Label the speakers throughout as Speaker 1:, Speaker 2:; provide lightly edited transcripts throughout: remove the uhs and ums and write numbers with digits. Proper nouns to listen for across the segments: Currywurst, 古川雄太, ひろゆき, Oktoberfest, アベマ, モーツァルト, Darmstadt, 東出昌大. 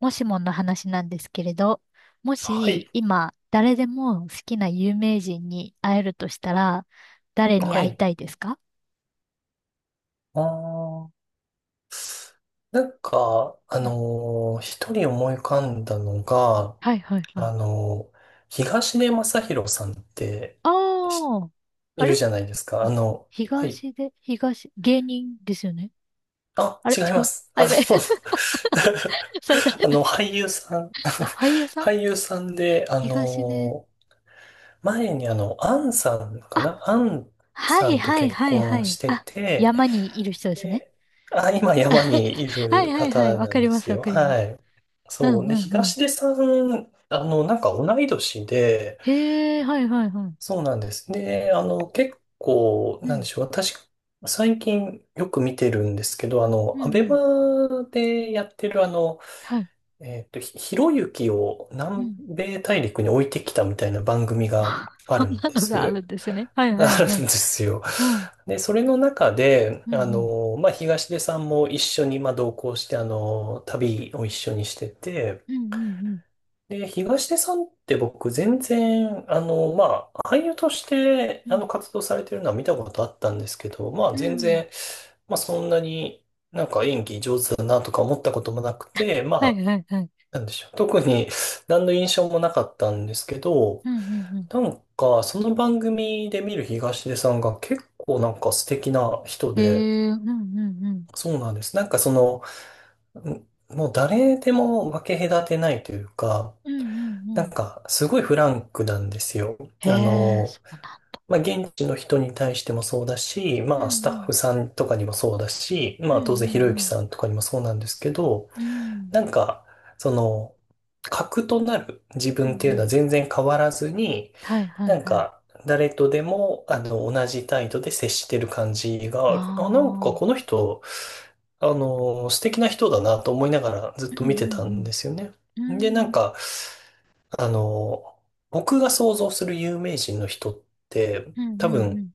Speaker 1: もしもの話なんですけれど、も
Speaker 2: は
Speaker 1: し
Speaker 2: い。
Speaker 1: 今誰でも好きな有名人に会えるとしたら、誰に
Speaker 2: は
Speaker 1: 会い
Speaker 2: い。
Speaker 1: たいですか？
Speaker 2: あー
Speaker 1: うん。
Speaker 2: 一人思い浮かんだのが、
Speaker 1: はいはいはい。
Speaker 2: あのー東出昌大さんって
Speaker 1: あ
Speaker 2: し
Speaker 1: あ、
Speaker 2: い
Speaker 1: あ
Speaker 2: る
Speaker 1: れ
Speaker 2: じゃないですか。あの、はい。
Speaker 1: 東で、東、芸人ですよね。
Speaker 2: あ、
Speaker 1: あれ
Speaker 2: 違い
Speaker 1: 違
Speaker 2: ま
Speaker 1: う。
Speaker 2: す。あ
Speaker 1: あ、
Speaker 2: の、
Speaker 1: やべえ。それ誰
Speaker 2: あ
Speaker 1: だっ
Speaker 2: の
Speaker 1: け？
Speaker 2: 俳優さん
Speaker 1: あ、俳優 さん。
Speaker 2: 俳優さんで、
Speaker 1: 東で。
Speaker 2: 前にあの、
Speaker 1: あ、
Speaker 2: アン
Speaker 1: は
Speaker 2: さ
Speaker 1: い
Speaker 2: んと
Speaker 1: はい
Speaker 2: 結
Speaker 1: はいは
Speaker 2: 婚し
Speaker 1: い。
Speaker 2: て
Speaker 1: あ、
Speaker 2: て、
Speaker 1: 山にいる人ですね。
Speaker 2: で、あ、今山に い
Speaker 1: は
Speaker 2: る
Speaker 1: いはいはい。
Speaker 2: 方
Speaker 1: わ
Speaker 2: な
Speaker 1: か
Speaker 2: ん
Speaker 1: り
Speaker 2: で
Speaker 1: ます
Speaker 2: す
Speaker 1: わ
Speaker 2: よ。
Speaker 1: かりま
Speaker 2: は
Speaker 1: す。
Speaker 2: い。
Speaker 1: うん
Speaker 2: そう。で、
Speaker 1: うんうん。
Speaker 2: 東出さん、あの、なんか同い年で、
Speaker 1: へえ、はいはいはい。
Speaker 2: そうなんです。で、あの、結構、
Speaker 1: う
Speaker 2: なんで
Speaker 1: ん。
Speaker 2: しょう。私、最近よく見てるんですけど、あ
Speaker 1: う
Speaker 2: の、ア
Speaker 1: んう
Speaker 2: ベ
Speaker 1: ん。
Speaker 2: マでやってる、あの、
Speaker 1: はい。
Speaker 2: ひろゆきを
Speaker 1: う
Speaker 2: 南
Speaker 1: ん。
Speaker 2: 米大陸に置いてきたみたいな番組 が
Speaker 1: あ、
Speaker 2: あ
Speaker 1: そ
Speaker 2: る
Speaker 1: ん
Speaker 2: ん
Speaker 1: な
Speaker 2: で
Speaker 1: のがあ
Speaker 2: す。
Speaker 1: るんですね。はい
Speaker 2: あ
Speaker 1: はい
Speaker 2: るん
Speaker 1: はい。
Speaker 2: ですよ。
Speaker 1: うん。
Speaker 2: で、それの中で、
Speaker 1: うんう
Speaker 2: あ
Speaker 1: ん。
Speaker 2: の、まあ、東出さんも一緒に、まあ、同行して、あの、旅を一緒にしてて、
Speaker 1: うんうん
Speaker 2: で、東出さんって僕、全然、あの、まあ、俳優として、
Speaker 1: うん。う
Speaker 2: あの、
Speaker 1: ん。
Speaker 2: 活動されてるのは見たことあったんですけど、まあ、
Speaker 1: う
Speaker 2: 全
Speaker 1: ん。
Speaker 2: 然、まあ、そんなになんか演技上手だなとか思ったこともなくて、ま
Speaker 1: は
Speaker 2: あ、
Speaker 1: いはいはい。
Speaker 2: なんでしょう。特に、何の印象もなかったんですけど、
Speaker 1: うんうんうん。
Speaker 2: なんか、その番組で見る東出さんが結構なんか素敵な人
Speaker 1: へ
Speaker 2: で、
Speaker 1: え、うんうんうん。
Speaker 2: そうなんです。なんかその、んもう誰でも分け隔てないというか、
Speaker 1: うんうんう
Speaker 2: なん
Speaker 1: ん。
Speaker 2: かすごいフランクなんですよ。
Speaker 1: へ
Speaker 2: あ
Speaker 1: え、
Speaker 2: の、
Speaker 1: そうなんだ。
Speaker 2: まあ、現地の人に対してもそうだし、
Speaker 1: うん
Speaker 2: まあ、スタ
Speaker 1: う
Speaker 2: ッ
Speaker 1: ん。
Speaker 2: フさんとかにもそうだし、
Speaker 1: う
Speaker 2: ま
Speaker 1: ん
Speaker 2: あ、
Speaker 1: う
Speaker 2: 当然ひろゆき
Speaker 1: ん
Speaker 2: さんとかにもそうなんですけど、
Speaker 1: うん。うん
Speaker 2: なんか、その、核となる自
Speaker 1: うんう
Speaker 2: 分っていうの
Speaker 1: ん。
Speaker 2: は全然変わらずに、
Speaker 1: はいはい
Speaker 2: なん
Speaker 1: はい。
Speaker 2: か、誰とでも、あの、同じ態度で接してる感じ
Speaker 1: あ
Speaker 2: が、あ、なんかこの
Speaker 1: あ。
Speaker 2: 人、あの、素敵な人だなと思いながらず
Speaker 1: う
Speaker 2: っと見
Speaker 1: ん
Speaker 2: て
Speaker 1: う
Speaker 2: たん
Speaker 1: ん
Speaker 2: ですよね。
Speaker 1: う
Speaker 2: で、
Speaker 1: ん。
Speaker 2: な
Speaker 1: う
Speaker 2: ん
Speaker 1: ん
Speaker 2: か、あの、僕が想像する有名人の人って、
Speaker 1: うんう
Speaker 2: 多
Speaker 1: んう
Speaker 2: 分、
Speaker 1: ん。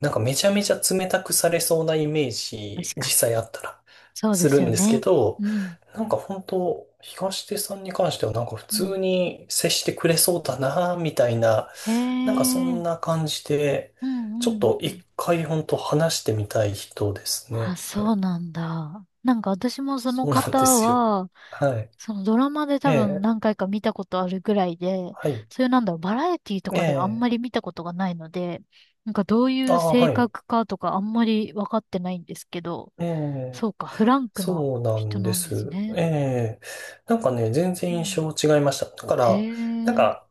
Speaker 2: なんかめちゃめちゃ冷たくされそうなイメージ、
Speaker 1: 確
Speaker 2: 実
Speaker 1: かに。
Speaker 2: 際あったら
Speaker 1: そうで
Speaker 2: する
Speaker 1: す
Speaker 2: ん
Speaker 1: よ
Speaker 2: ですけ
Speaker 1: ね。
Speaker 2: ど、
Speaker 1: うん。
Speaker 2: なんか本当、東出さんに関してはなんか普
Speaker 1: うん。
Speaker 2: 通に接してくれそうだな、みたいな、
Speaker 1: へ
Speaker 2: なんかそん
Speaker 1: え。
Speaker 2: な感じで、
Speaker 1: う
Speaker 2: ちょ
Speaker 1: ん
Speaker 2: っ
Speaker 1: うん
Speaker 2: と
Speaker 1: う
Speaker 2: 一
Speaker 1: ん。
Speaker 2: 回本当話してみたい人です
Speaker 1: あ、
Speaker 2: ね。
Speaker 1: そうなんだ。なんか私もその
Speaker 2: そうなん
Speaker 1: 方
Speaker 2: ですよ。
Speaker 1: は、
Speaker 2: はい。
Speaker 1: そのドラマで
Speaker 2: え
Speaker 1: 多分
Speaker 2: え、
Speaker 1: 何回か見たことあるぐらいで、
Speaker 2: はい。
Speaker 1: そういうなんだろう、バラエティと
Speaker 2: え
Speaker 1: かであんま
Speaker 2: え、
Speaker 1: り見たことがないので、なんかどうい
Speaker 2: あ
Speaker 1: う
Speaker 2: あ、
Speaker 1: 性
Speaker 2: はい。
Speaker 1: 格かとかあんまり分かってないんですけど、
Speaker 2: え
Speaker 1: そ
Speaker 2: え、
Speaker 1: うか、フランクな
Speaker 2: そうな
Speaker 1: 人
Speaker 2: んで
Speaker 1: なんです
Speaker 2: す。
Speaker 1: ね。
Speaker 2: ええ。なんかね、全
Speaker 1: う
Speaker 2: 然印
Speaker 1: ん。
Speaker 2: 象違いました。だか
Speaker 1: へ
Speaker 2: ら、なん
Speaker 1: え。うん
Speaker 2: か、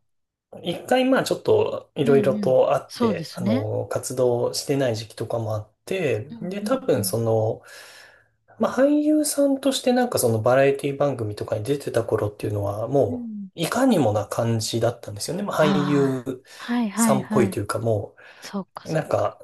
Speaker 2: 一回まあちょっとい
Speaker 1: う
Speaker 2: ろいろ
Speaker 1: ん。
Speaker 2: とあっ
Speaker 1: そうで
Speaker 2: て、
Speaker 1: す
Speaker 2: あ
Speaker 1: ね。
Speaker 2: の、活動してない時期とかもあって、
Speaker 1: うん
Speaker 2: で、
Speaker 1: う
Speaker 2: 多
Speaker 1: んう
Speaker 2: 分
Speaker 1: ん。
Speaker 2: その、まあ俳優さんとしてなんかそのバラエティ番組とかに出てた頃っていうのは、
Speaker 1: う
Speaker 2: も
Speaker 1: ん。
Speaker 2: う、いかにもな感じだったんですよね。まあ
Speaker 1: あ
Speaker 2: 俳優
Speaker 1: あ、はいは
Speaker 2: さ
Speaker 1: い
Speaker 2: んっぽ
Speaker 1: は
Speaker 2: い
Speaker 1: い。
Speaker 2: というか、も
Speaker 1: そうか
Speaker 2: う、
Speaker 1: そ
Speaker 2: な
Speaker 1: う
Speaker 2: ん
Speaker 1: か。
Speaker 2: か、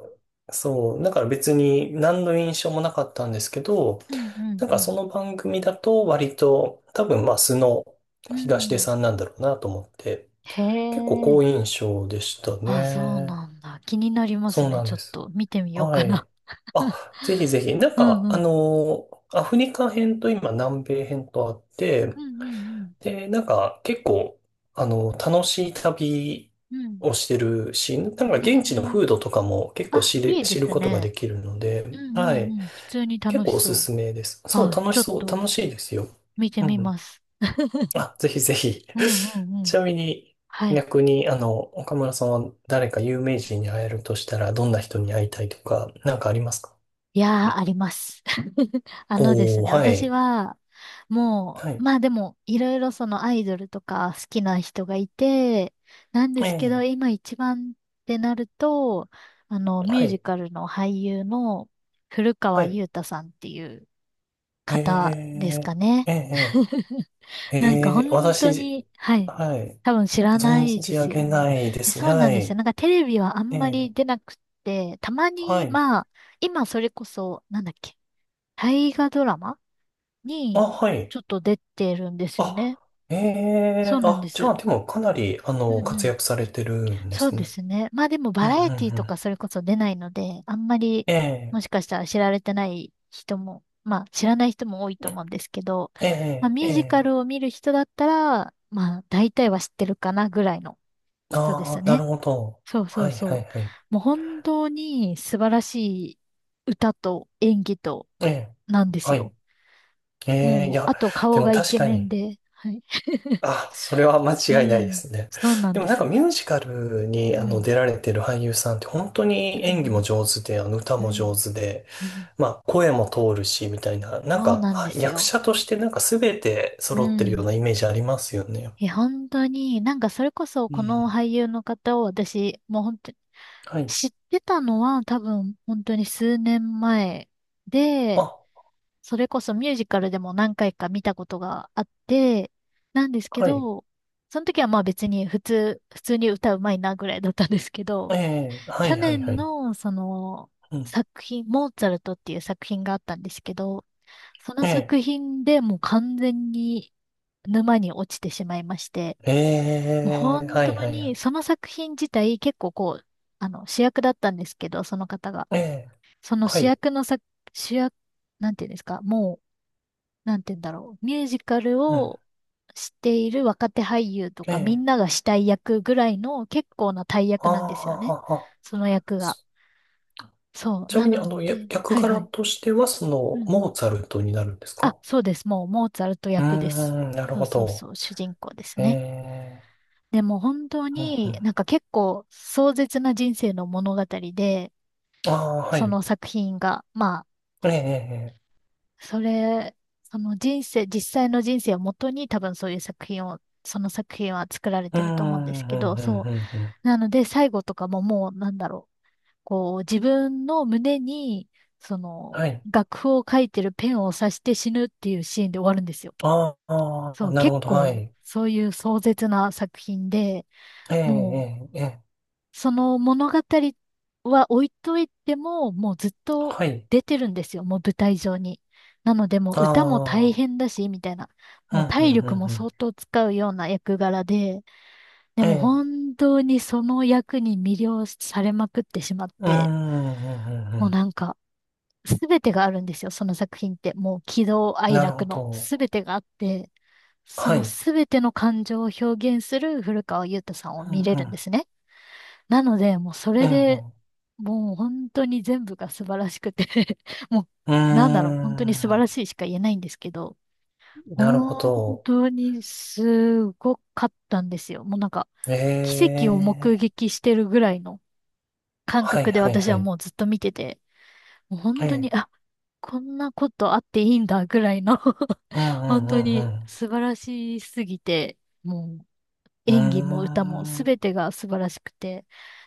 Speaker 2: そう、だから別に何の印象もなかったんですけど、
Speaker 1: うんう
Speaker 2: なんか
Speaker 1: ん
Speaker 2: その番組だと割と多分まあ素の
Speaker 1: うん。う
Speaker 2: 東出
Speaker 1: ん。
Speaker 2: さんなんだろうなと思って、
Speaker 1: へ
Speaker 2: 結構好
Speaker 1: え。
Speaker 2: 印象でした
Speaker 1: あ、そう
Speaker 2: ね。
Speaker 1: なんだ。気になります
Speaker 2: そう
Speaker 1: ね。
Speaker 2: なん
Speaker 1: ちょ
Speaker 2: で
Speaker 1: っ
Speaker 2: す。
Speaker 1: と見てみよう
Speaker 2: は
Speaker 1: かな。
Speaker 2: い。あ、ぜひぜひ。なん
Speaker 1: う
Speaker 2: か、
Speaker 1: んうん。
Speaker 2: アフリカ編と今南米編とあって、
Speaker 1: うんうん
Speaker 2: で、なんか結構、楽しい旅
Speaker 1: うん。うん。
Speaker 2: をしてるし、なんか
Speaker 1: へ
Speaker 2: 現地の
Speaker 1: え。
Speaker 2: 風土とかも結構
Speaker 1: あ、いいで
Speaker 2: 知る
Speaker 1: す
Speaker 2: ことが
Speaker 1: ね。
Speaker 2: できるので、
Speaker 1: うんう
Speaker 2: は
Speaker 1: ん
Speaker 2: い。
Speaker 1: うん。普通に
Speaker 2: 結
Speaker 1: 楽
Speaker 2: 構
Speaker 1: し
Speaker 2: おす
Speaker 1: そう。
Speaker 2: すめです。そう、
Speaker 1: あ、
Speaker 2: 楽
Speaker 1: ちょ
Speaker 2: し
Speaker 1: っ
Speaker 2: そう、
Speaker 1: と
Speaker 2: 楽しいですよ。
Speaker 1: 見て
Speaker 2: う
Speaker 1: み
Speaker 2: ん。
Speaker 1: ます。
Speaker 2: あ、ぜひぜひ。
Speaker 1: うんうん う
Speaker 2: ち
Speaker 1: ん。
Speaker 2: なみに、
Speaker 1: はい。
Speaker 2: 逆に、あの、岡村さんは誰か有名人に会えるとしたら、どんな人に会いたいとか、なんかありますか？
Speaker 1: いやー、あります。あのです
Speaker 2: お
Speaker 1: ね、
Speaker 2: ー、は
Speaker 1: 私
Speaker 2: い。
Speaker 1: は、も
Speaker 2: は
Speaker 1: う、
Speaker 2: い。
Speaker 1: まあでも、いろいろそのアイドルとか好きな人がいて、なんで
Speaker 2: え
Speaker 1: すけど、
Speaker 2: え、
Speaker 1: 今一番ってなると、あの、ミュ
Speaker 2: は
Speaker 1: ージ
Speaker 2: い。
Speaker 1: カルの俳優の古
Speaker 2: は
Speaker 1: 川
Speaker 2: い。
Speaker 1: 雄太さんっていう
Speaker 2: え
Speaker 1: 方です
Speaker 2: え、
Speaker 1: かね。
Speaker 2: ええ、え
Speaker 1: なんか
Speaker 2: え、
Speaker 1: 本当
Speaker 2: 私、
Speaker 1: に、はい。
Speaker 2: はい。
Speaker 1: 多分知らな
Speaker 2: 存
Speaker 1: いで
Speaker 2: じ上
Speaker 1: すよ
Speaker 2: げ
Speaker 1: ね。
Speaker 2: ないで
Speaker 1: え、
Speaker 2: すね。
Speaker 1: そう
Speaker 2: は
Speaker 1: なんですよ。
Speaker 2: い。
Speaker 1: なんかテレビはあ
Speaker 2: え
Speaker 1: んまり
Speaker 2: え、
Speaker 1: 出なくって、たま
Speaker 2: は
Speaker 1: に、
Speaker 2: い。
Speaker 1: まあ、今それこそ、なんだっけ、大河ドラマ
Speaker 2: あ、
Speaker 1: に
Speaker 2: はい。
Speaker 1: ちょっと出てるんですよね。
Speaker 2: あ、え
Speaker 1: そ
Speaker 2: え、
Speaker 1: うなんで
Speaker 2: あ、じゃあ、
Speaker 1: す。
Speaker 2: でも、かなり、あ
Speaker 1: うん
Speaker 2: の、
Speaker 1: う
Speaker 2: 活
Speaker 1: ん。
Speaker 2: 躍されてるんで
Speaker 1: そう
Speaker 2: す
Speaker 1: で
Speaker 2: ね。
Speaker 1: すね。まあでも
Speaker 2: う
Speaker 1: バ
Speaker 2: ん、うん、
Speaker 1: ラエティ
Speaker 2: う
Speaker 1: と
Speaker 2: ん。
Speaker 1: かそれこそ出ないので、あんまり
Speaker 2: え
Speaker 1: も
Speaker 2: え、
Speaker 1: しかしたら知られてない人も、まあ知らない人も多いと思うんですけど、
Speaker 2: え
Speaker 1: まあ
Speaker 2: え、
Speaker 1: ミ
Speaker 2: え
Speaker 1: ュージカ
Speaker 2: え、
Speaker 1: ルを見る人だったら、まあ大体は知ってるかなぐらいの人です
Speaker 2: ああ、なる
Speaker 1: ね。
Speaker 2: ほど。
Speaker 1: そうそ
Speaker 2: は
Speaker 1: う
Speaker 2: い、
Speaker 1: そ
Speaker 2: は
Speaker 1: う。
Speaker 2: い、はい。
Speaker 1: もう本当に素晴らしい歌と演技と
Speaker 2: ええ、
Speaker 1: なんです
Speaker 2: はい。
Speaker 1: よ。
Speaker 2: ええ、い
Speaker 1: もう、
Speaker 2: や、
Speaker 1: あと
Speaker 2: で
Speaker 1: 顔
Speaker 2: も
Speaker 1: がイ
Speaker 2: 確
Speaker 1: ケ
Speaker 2: か
Speaker 1: メン
Speaker 2: に、
Speaker 1: で、はい。
Speaker 2: あ、それは間
Speaker 1: う
Speaker 2: 違いないで
Speaker 1: ん、
Speaker 2: すね。
Speaker 1: そうなん
Speaker 2: でも
Speaker 1: で
Speaker 2: なんか
Speaker 1: す。
Speaker 2: ミュージカル
Speaker 1: う
Speaker 2: にあの
Speaker 1: ん、
Speaker 2: 出られてる俳優さんって本当に
Speaker 1: う
Speaker 2: 演技も
Speaker 1: ん、
Speaker 2: 上手で、あの歌
Speaker 1: うん、う
Speaker 2: も上
Speaker 1: ん。
Speaker 2: 手で、
Speaker 1: うん、
Speaker 2: まあ声も通るし、みたいな、なん
Speaker 1: そう
Speaker 2: か
Speaker 1: なんで
Speaker 2: は
Speaker 1: す
Speaker 2: 役
Speaker 1: よ。
Speaker 2: 者としてなんか全て
Speaker 1: う
Speaker 2: 揃ってるよう
Speaker 1: ん。
Speaker 2: なイメージありますよね。
Speaker 1: え、本当に、なんかそれこそ
Speaker 2: う
Speaker 1: この
Speaker 2: ん。
Speaker 1: 俳優の方を私、もう本当に
Speaker 2: はい。
Speaker 1: 知ってたのは多分本当に数年前で、
Speaker 2: あ、
Speaker 1: それこそミュージカルでも何回か見たことがあって、なんですけ
Speaker 2: はい。
Speaker 1: ど、その時はまあ別に普通に歌うまいなぐらいだったんですけ
Speaker 2: え
Speaker 1: ど、
Speaker 2: え、は
Speaker 1: 去
Speaker 2: い、はい、は
Speaker 1: 年
Speaker 2: い。
Speaker 1: のその
Speaker 2: うん。
Speaker 1: 作品、モーツァルトっていう作品があったんですけど、その作
Speaker 2: ええ、
Speaker 1: 品でもう完全に沼に落ちてしまいまして、
Speaker 2: え
Speaker 1: もう
Speaker 2: え、
Speaker 1: 本
Speaker 2: はい
Speaker 1: 当
Speaker 2: はいは
Speaker 1: にそ
Speaker 2: い。
Speaker 1: の作品自体結構こう、あの主役だったんですけど、その方が。
Speaker 2: ええ、
Speaker 1: その
Speaker 2: は
Speaker 1: 主
Speaker 2: い。
Speaker 1: 役の主役、なんていうんですか、もう、なんていうんだろう、ミュージカル
Speaker 2: うん。
Speaker 1: をしている若手俳優と
Speaker 2: え
Speaker 1: かみん
Speaker 2: え、
Speaker 1: ながしたい役ぐらいの結構な大
Speaker 2: あ
Speaker 1: 役なんですよね。
Speaker 2: あ、
Speaker 1: その役が。
Speaker 2: そ
Speaker 1: そう。
Speaker 2: ちな
Speaker 1: な
Speaker 2: みに、あ
Speaker 1: の
Speaker 2: の、
Speaker 1: で、
Speaker 2: 役
Speaker 1: はいは
Speaker 2: 柄
Speaker 1: い。
Speaker 2: としては、そ
Speaker 1: うんう
Speaker 2: の、モ
Speaker 1: ん。
Speaker 2: ーツァルトになるんです
Speaker 1: あ、
Speaker 2: か？
Speaker 1: そうです。もう、モーツァルト
Speaker 2: うー
Speaker 1: 役です。
Speaker 2: ん、なる
Speaker 1: そう
Speaker 2: ほ
Speaker 1: そう
Speaker 2: ど。
Speaker 1: そう、主人公です
Speaker 2: え
Speaker 1: ね。
Speaker 2: え、
Speaker 1: でも本当
Speaker 2: うんう
Speaker 1: になん
Speaker 2: ん。
Speaker 1: か結構壮絶な人生の物語で、
Speaker 2: ああ、は
Speaker 1: そ
Speaker 2: い。
Speaker 1: の作品が、まあ、
Speaker 2: ええ、え
Speaker 1: それ、その人生、実際の人生をもとに多分そういう作品を、その作品は作られ
Speaker 2: え、
Speaker 1: て
Speaker 2: うー
Speaker 1: ると思うんです
Speaker 2: ん、う
Speaker 1: け
Speaker 2: ん、
Speaker 1: ど、
Speaker 2: う
Speaker 1: そ
Speaker 2: ん、うん、うん。
Speaker 1: う。なので最後とかももうなんだろう。こう、自分の胸に、その、
Speaker 2: はい。
Speaker 1: 楽譜を書いてるペンを刺して死ぬっていうシーンで終わるんですよ。
Speaker 2: あ
Speaker 1: そ
Speaker 2: あ、
Speaker 1: う、
Speaker 2: なる
Speaker 1: 結
Speaker 2: ほど、は
Speaker 1: 構、
Speaker 2: い。
Speaker 1: そういう壮絶な作品で、
Speaker 2: ええ、
Speaker 1: も
Speaker 2: ええ、ええ、
Speaker 1: う、その物語は置いといても、もうずっと
Speaker 2: はい。
Speaker 1: 出てるんですよ、もう舞台上に。なので、もう
Speaker 2: あ
Speaker 1: 歌も大
Speaker 2: あ、
Speaker 1: 変だし、みたいな。
Speaker 2: う
Speaker 1: も
Speaker 2: ん、う
Speaker 1: う
Speaker 2: ん、う
Speaker 1: 体力も
Speaker 2: ん、うん。
Speaker 1: 相当使うような役柄で、で
Speaker 2: え
Speaker 1: も
Speaker 2: え、
Speaker 1: 本当にその役に魅了されまくってしまっ
Speaker 2: うーん、う
Speaker 1: て、
Speaker 2: ん、うん、
Speaker 1: もう
Speaker 2: う
Speaker 1: なんか、すべてがあるんですよ、その作品って。もう喜怒
Speaker 2: ん。
Speaker 1: 哀
Speaker 2: なる
Speaker 1: 楽
Speaker 2: ほ
Speaker 1: の
Speaker 2: ど。
Speaker 1: すべてがあって。そ
Speaker 2: は
Speaker 1: の
Speaker 2: い。
Speaker 1: すべての感情を表現する古川優太さんを
Speaker 2: う
Speaker 1: 見
Speaker 2: ん
Speaker 1: れ
Speaker 2: う
Speaker 1: るんで
Speaker 2: ん。
Speaker 1: すね。なので、もうそ
Speaker 2: う
Speaker 1: れで
Speaker 2: ん
Speaker 1: もう本当に全部が素晴らしくて も
Speaker 2: うん。う
Speaker 1: うなんだろう、本当に素晴
Speaker 2: ーん。
Speaker 1: らしいしか言えないんですけど、
Speaker 2: なるほ
Speaker 1: 本
Speaker 2: ど。
Speaker 1: 当にすごかったんですよ。もうなんか、
Speaker 2: え
Speaker 1: 奇跡を目
Speaker 2: え。
Speaker 1: 撃してるぐらいの感
Speaker 2: はい
Speaker 1: 覚で
Speaker 2: はい
Speaker 1: 私
Speaker 2: は
Speaker 1: は
Speaker 2: い。
Speaker 1: もうずっと見てて、もう
Speaker 2: え
Speaker 1: 本当に、
Speaker 2: え。
Speaker 1: あ、こんなことあっていいんだぐらいの
Speaker 2: うんう
Speaker 1: 本当
Speaker 2: んう
Speaker 1: に
Speaker 2: ん
Speaker 1: 素晴らしすぎて、もう
Speaker 2: う
Speaker 1: 演技も歌も
Speaker 2: ん。うーん。
Speaker 1: 全てが素晴らしくて、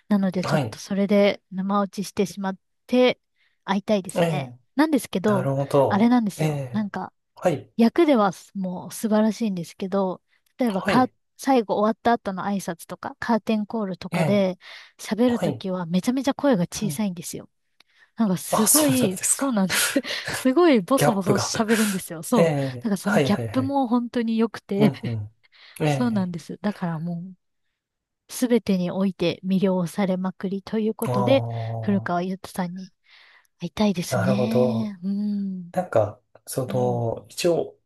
Speaker 1: なのでちょ
Speaker 2: は
Speaker 1: っと
Speaker 2: い。
Speaker 1: それで生落ちしてしまって会いたいで
Speaker 2: え
Speaker 1: すね。
Speaker 2: え。
Speaker 1: なんですけ
Speaker 2: な
Speaker 1: ど、
Speaker 2: るほ
Speaker 1: あれ
Speaker 2: ど。
Speaker 1: なんです
Speaker 2: え
Speaker 1: よ。な
Speaker 2: え。
Speaker 1: んか、
Speaker 2: はい。
Speaker 1: 役ではもう素晴らしいんですけど、例えば
Speaker 2: はい。
Speaker 1: 最後終わった後の挨拶とか、カーテンコールと
Speaker 2: え
Speaker 1: か
Speaker 2: え。
Speaker 1: で喋る
Speaker 2: は
Speaker 1: と
Speaker 2: い。
Speaker 1: きはめちゃめちゃ声が
Speaker 2: う
Speaker 1: 小
Speaker 2: ん。
Speaker 1: さいんですよ。なんか
Speaker 2: あ、
Speaker 1: すご
Speaker 2: そうなん
Speaker 1: い、
Speaker 2: です
Speaker 1: そう
Speaker 2: か。
Speaker 1: なんです。すごいボ
Speaker 2: ギャ
Speaker 1: ソボ
Speaker 2: ップ
Speaker 1: ソ
Speaker 2: が。
Speaker 1: 喋るんで すよ。
Speaker 2: え
Speaker 1: そう。な
Speaker 2: え。
Speaker 1: んかその
Speaker 2: はい
Speaker 1: ギャッ
Speaker 2: はい
Speaker 1: プ
Speaker 2: はい。
Speaker 1: も本当に良く
Speaker 2: う
Speaker 1: て、
Speaker 2: んう ん。え
Speaker 1: そうなん
Speaker 2: え。
Speaker 1: です。だからもうすべてにおいて魅了されまくりというこ
Speaker 2: あ
Speaker 1: とで、古
Speaker 2: あ、
Speaker 1: 川優太さんに会いたいです
Speaker 2: なるほど。
Speaker 1: ね。うん。
Speaker 2: なんか、そ
Speaker 1: うん。
Speaker 2: の、一応、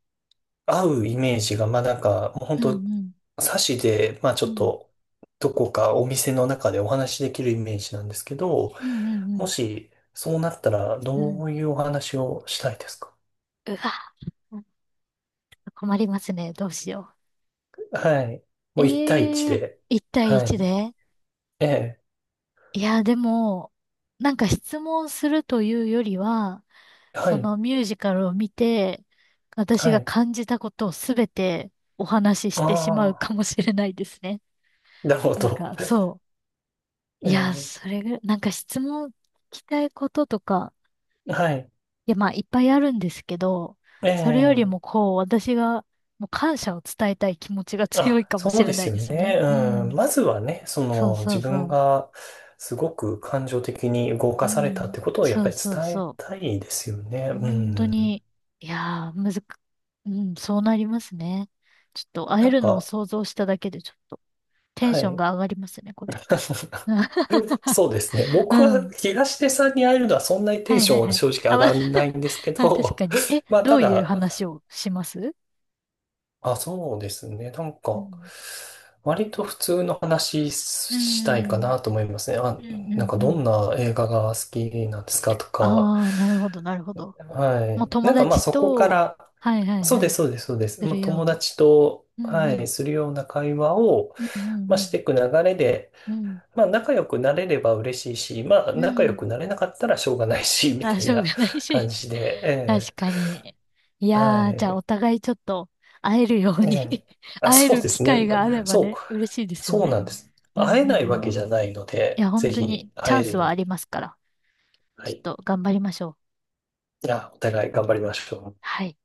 Speaker 2: 合うイメージが、まあなんか、もう本
Speaker 1: うん。う
Speaker 2: 当
Speaker 1: ん。
Speaker 2: で、まあちょ
Speaker 1: う
Speaker 2: っ
Speaker 1: ん。
Speaker 2: と、どこかお店の中でお話しできるイメージなんですけど、
Speaker 1: うん。う
Speaker 2: も
Speaker 1: ん。
Speaker 2: し、そうなったら、
Speaker 1: う
Speaker 2: ど
Speaker 1: ん。
Speaker 2: ういうお話をしたいですか？
Speaker 1: うわ、なんか困りますね。どうしよ
Speaker 2: はい。
Speaker 1: う。
Speaker 2: もう一対一
Speaker 1: ええ、
Speaker 2: で。
Speaker 1: 一対
Speaker 2: は
Speaker 1: 一
Speaker 2: い。
Speaker 1: で、
Speaker 2: ええ。
Speaker 1: いや、でも、なんか質問するというよりは、
Speaker 2: は
Speaker 1: そ
Speaker 2: い。
Speaker 1: のミュージカルを見て、私
Speaker 2: は
Speaker 1: が
Speaker 2: い。
Speaker 1: 感じたことをすべてお話しし
Speaker 2: あ
Speaker 1: てしまう
Speaker 2: あ。
Speaker 1: かもしれないですね。
Speaker 2: なるほ
Speaker 1: なん
Speaker 2: ど。
Speaker 1: か、そう。いや、
Speaker 2: え
Speaker 1: それぐらい、なんか質問聞きたいこととか、
Speaker 2: え。はい。
Speaker 1: いや、まあ、いっぱいあるんですけど、
Speaker 2: え
Speaker 1: それよりも
Speaker 2: え。
Speaker 1: こう、私が、もう感謝を伝えたい気持ちが 強
Speaker 2: あ、
Speaker 1: いかも
Speaker 2: そ
Speaker 1: し
Speaker 2: うで
Speaker 1: れな
Speaker 2: す
Speaker 1: い
Speaker 2: よ
Speaker 1: です
Speaker 2: ね。
Speaker 1: ね。う
Speaker 2: うん。
Speaker 1: ん。
Speaker 2: まずはね、そ
Speaker 1: そう
Speaker 2: の
Speaker 1: そう
Speaker 2: 自分
Speaker 1: そ
Speaker 2: がすごく感情的に動
Speaker 1: う。
Speaker 2: か
Speaker 1: う
Speaker 2: されたっ
Speaker 1: ん。
Speaker 2: てことをやっ
Speaker 1: そ
Speaker 2: ぱ
Speaker 1: う
Speaker 2: り
Speaker 1: そう
Speaker 2: 伝え
Speaker 1: そう。
Speaker 2: たいですよね。う
Speaker 1: 本当
Speaker 2: ん。
Speaker 1: に、いやー、むずく、うん、そうなりますね。ちょっと会え
Speaker 2: なん
Speaker 1: るのを
Speaker 2: か、
Speaker 1: 想像しただけで、ちょっとテン
Speaker 2: は
Speaker 1: ション
Speaker 2: い。
Speaker 1: が上がりますね、これ。
Speaker 2: そうですね。
Speaker 1: う
Speaker 2: 僕は
Speaker 1: ん。
Speaker 2: 東出さんに会えるのはそんなにテ
Speaker 1: は
Speaker 2: ン
Speaker 1: い
Speaker 2: シ
Speaker 1: はい
Speaker 2: ョ
Speaker 1: は
Speaker 2: ン
Speaker 1: い。
Speaker 2: 正直
Speaker 1: あ、
Speaker 2: 上
Speaker 1: ま
Speaker 2: がらないんですけ
Speaker 1: あ、確
Speaker 2: ど、
Speaker 1: かに。え、
Speaker 2: まあ
Speaker 1: ど
Speaker 2: た
Speaker 1: ういう
Speaker 2: だ、
Speaker 1: 話をします？
Speaker 2: あ、そうですね。なん
Speaker 1: う
Speaker 2: か、
Speaker 1: ん。
Speaker 2: 割と普通の話
Speaker 1: う
Speaker 2: したいか
Speaker 1: ん。
Speaker 2: なと思いますね。あ、
Speaker 1: うんう
Speaker 2: なん
Speaker 1: ん
Speaker 2: か
Speaker 1: う
Speaker 2: どん
Speaker 1: ん。
Speaker 2: な映画が好きなんですかとか、
Speaker 1: ああ、なるほど、なるほど。
Speaker 2: は
Speaker 1: もう
Speaker 2: い。
Speaker 1: 友
Speaker 2: なんかまあ
Speaker 1: 達
Speaker 2: そこか
Speaker 1: と、
Speaker 2: ら、
Speaker 1: はいはい
Speaker 2: そう
Speaker 1: は
Speaker 2: で
Speaker 1: い、
Speaker 2: す、そうです、そうです。
Speaker 1: す
Speaker 2: も
Speaker 1: る
Speaker 2: う
Speaker 1: よう
Speaker 2: 友
Speaker 1: な。
Speaker 2: 達と、
Speaker 1: うん
Speaker 2: は
Speaker 1: うん。
Speaker 2: い、するような会話を、
Speaker 1: うんう
Speaker 2: まあ、し
Speaker 1: ん
Speaker 2: ていく流れで、
Speaker 1: うん。
Speaker 2: まあ仲良くなれれば嬉しいし、まあ
Speaker 1: うん。
Speaker 2: 仲
Speaker 1: う
Speaker 2: 良く
Speaker 1: ん。
Speaker 2: なれなかったらしょうがないし、み
Speaker 1: あ、
Speaker 2: たい
Speaker 1: しょう
Speaker 2: な
Speaker 1: がない
Speaker 2: 感
Speaker 1: し。
Speaker 2: じで、
Speaker 1: 確
Speaker 2: え
Speaker 1: かに。い
Speaker 2: え、は
Speaker 1: やー、じゃあ
Speaker 2: い。
Speaker 1: お互いちょっと会えるよう
Speaker 2: え
Speaker 1: に
Speaker 2: え、 あ、
Speaker 1: 会え
Speaker 2: そう
Speaker 1: る
Speaker 2: で
Speaker 1: 機
Speaker 2: す
Speaker 1: 会
Speaker 2: ね。
Speaker 1: があれば
Speaker 2: そう、
Speaker 1: ね、嬉しいですよ
Speaker 2: そう
Speaker 1: ね。
Speaker 2: なんです。
Speaker 1: うんう
Speaker 2: 会
Speaker 1: ん
Speaker 2: え
Speaker 1: う
Speaker 2: ないわ
Speaker 1: ん。
Speaker 2: けじゃないの
Speaker 1: いや、
Speaker 2: で、
Speaker 1: 本
Speaker 2: ぜ
Speaker 1: 当に
Speaker 2: ひ
Speaker 1: チ
Speaker 2: 会
Speaker 1: ャ
Speaker 2: え
Speaker 1: ン
Speaker 2: る
Speaker 1: ス
Speaker 2: よう
Speaker 1: はあり
Speaker 2: に、
Speaker 1: ますから、
Speaker 2: は
Speaker 1: ちょっ
Speaker 2: い。
Speaker 1: と頑張りましょう。
Speaker 2: いや、お互い頑張りましょう。
Speaker 1: はい。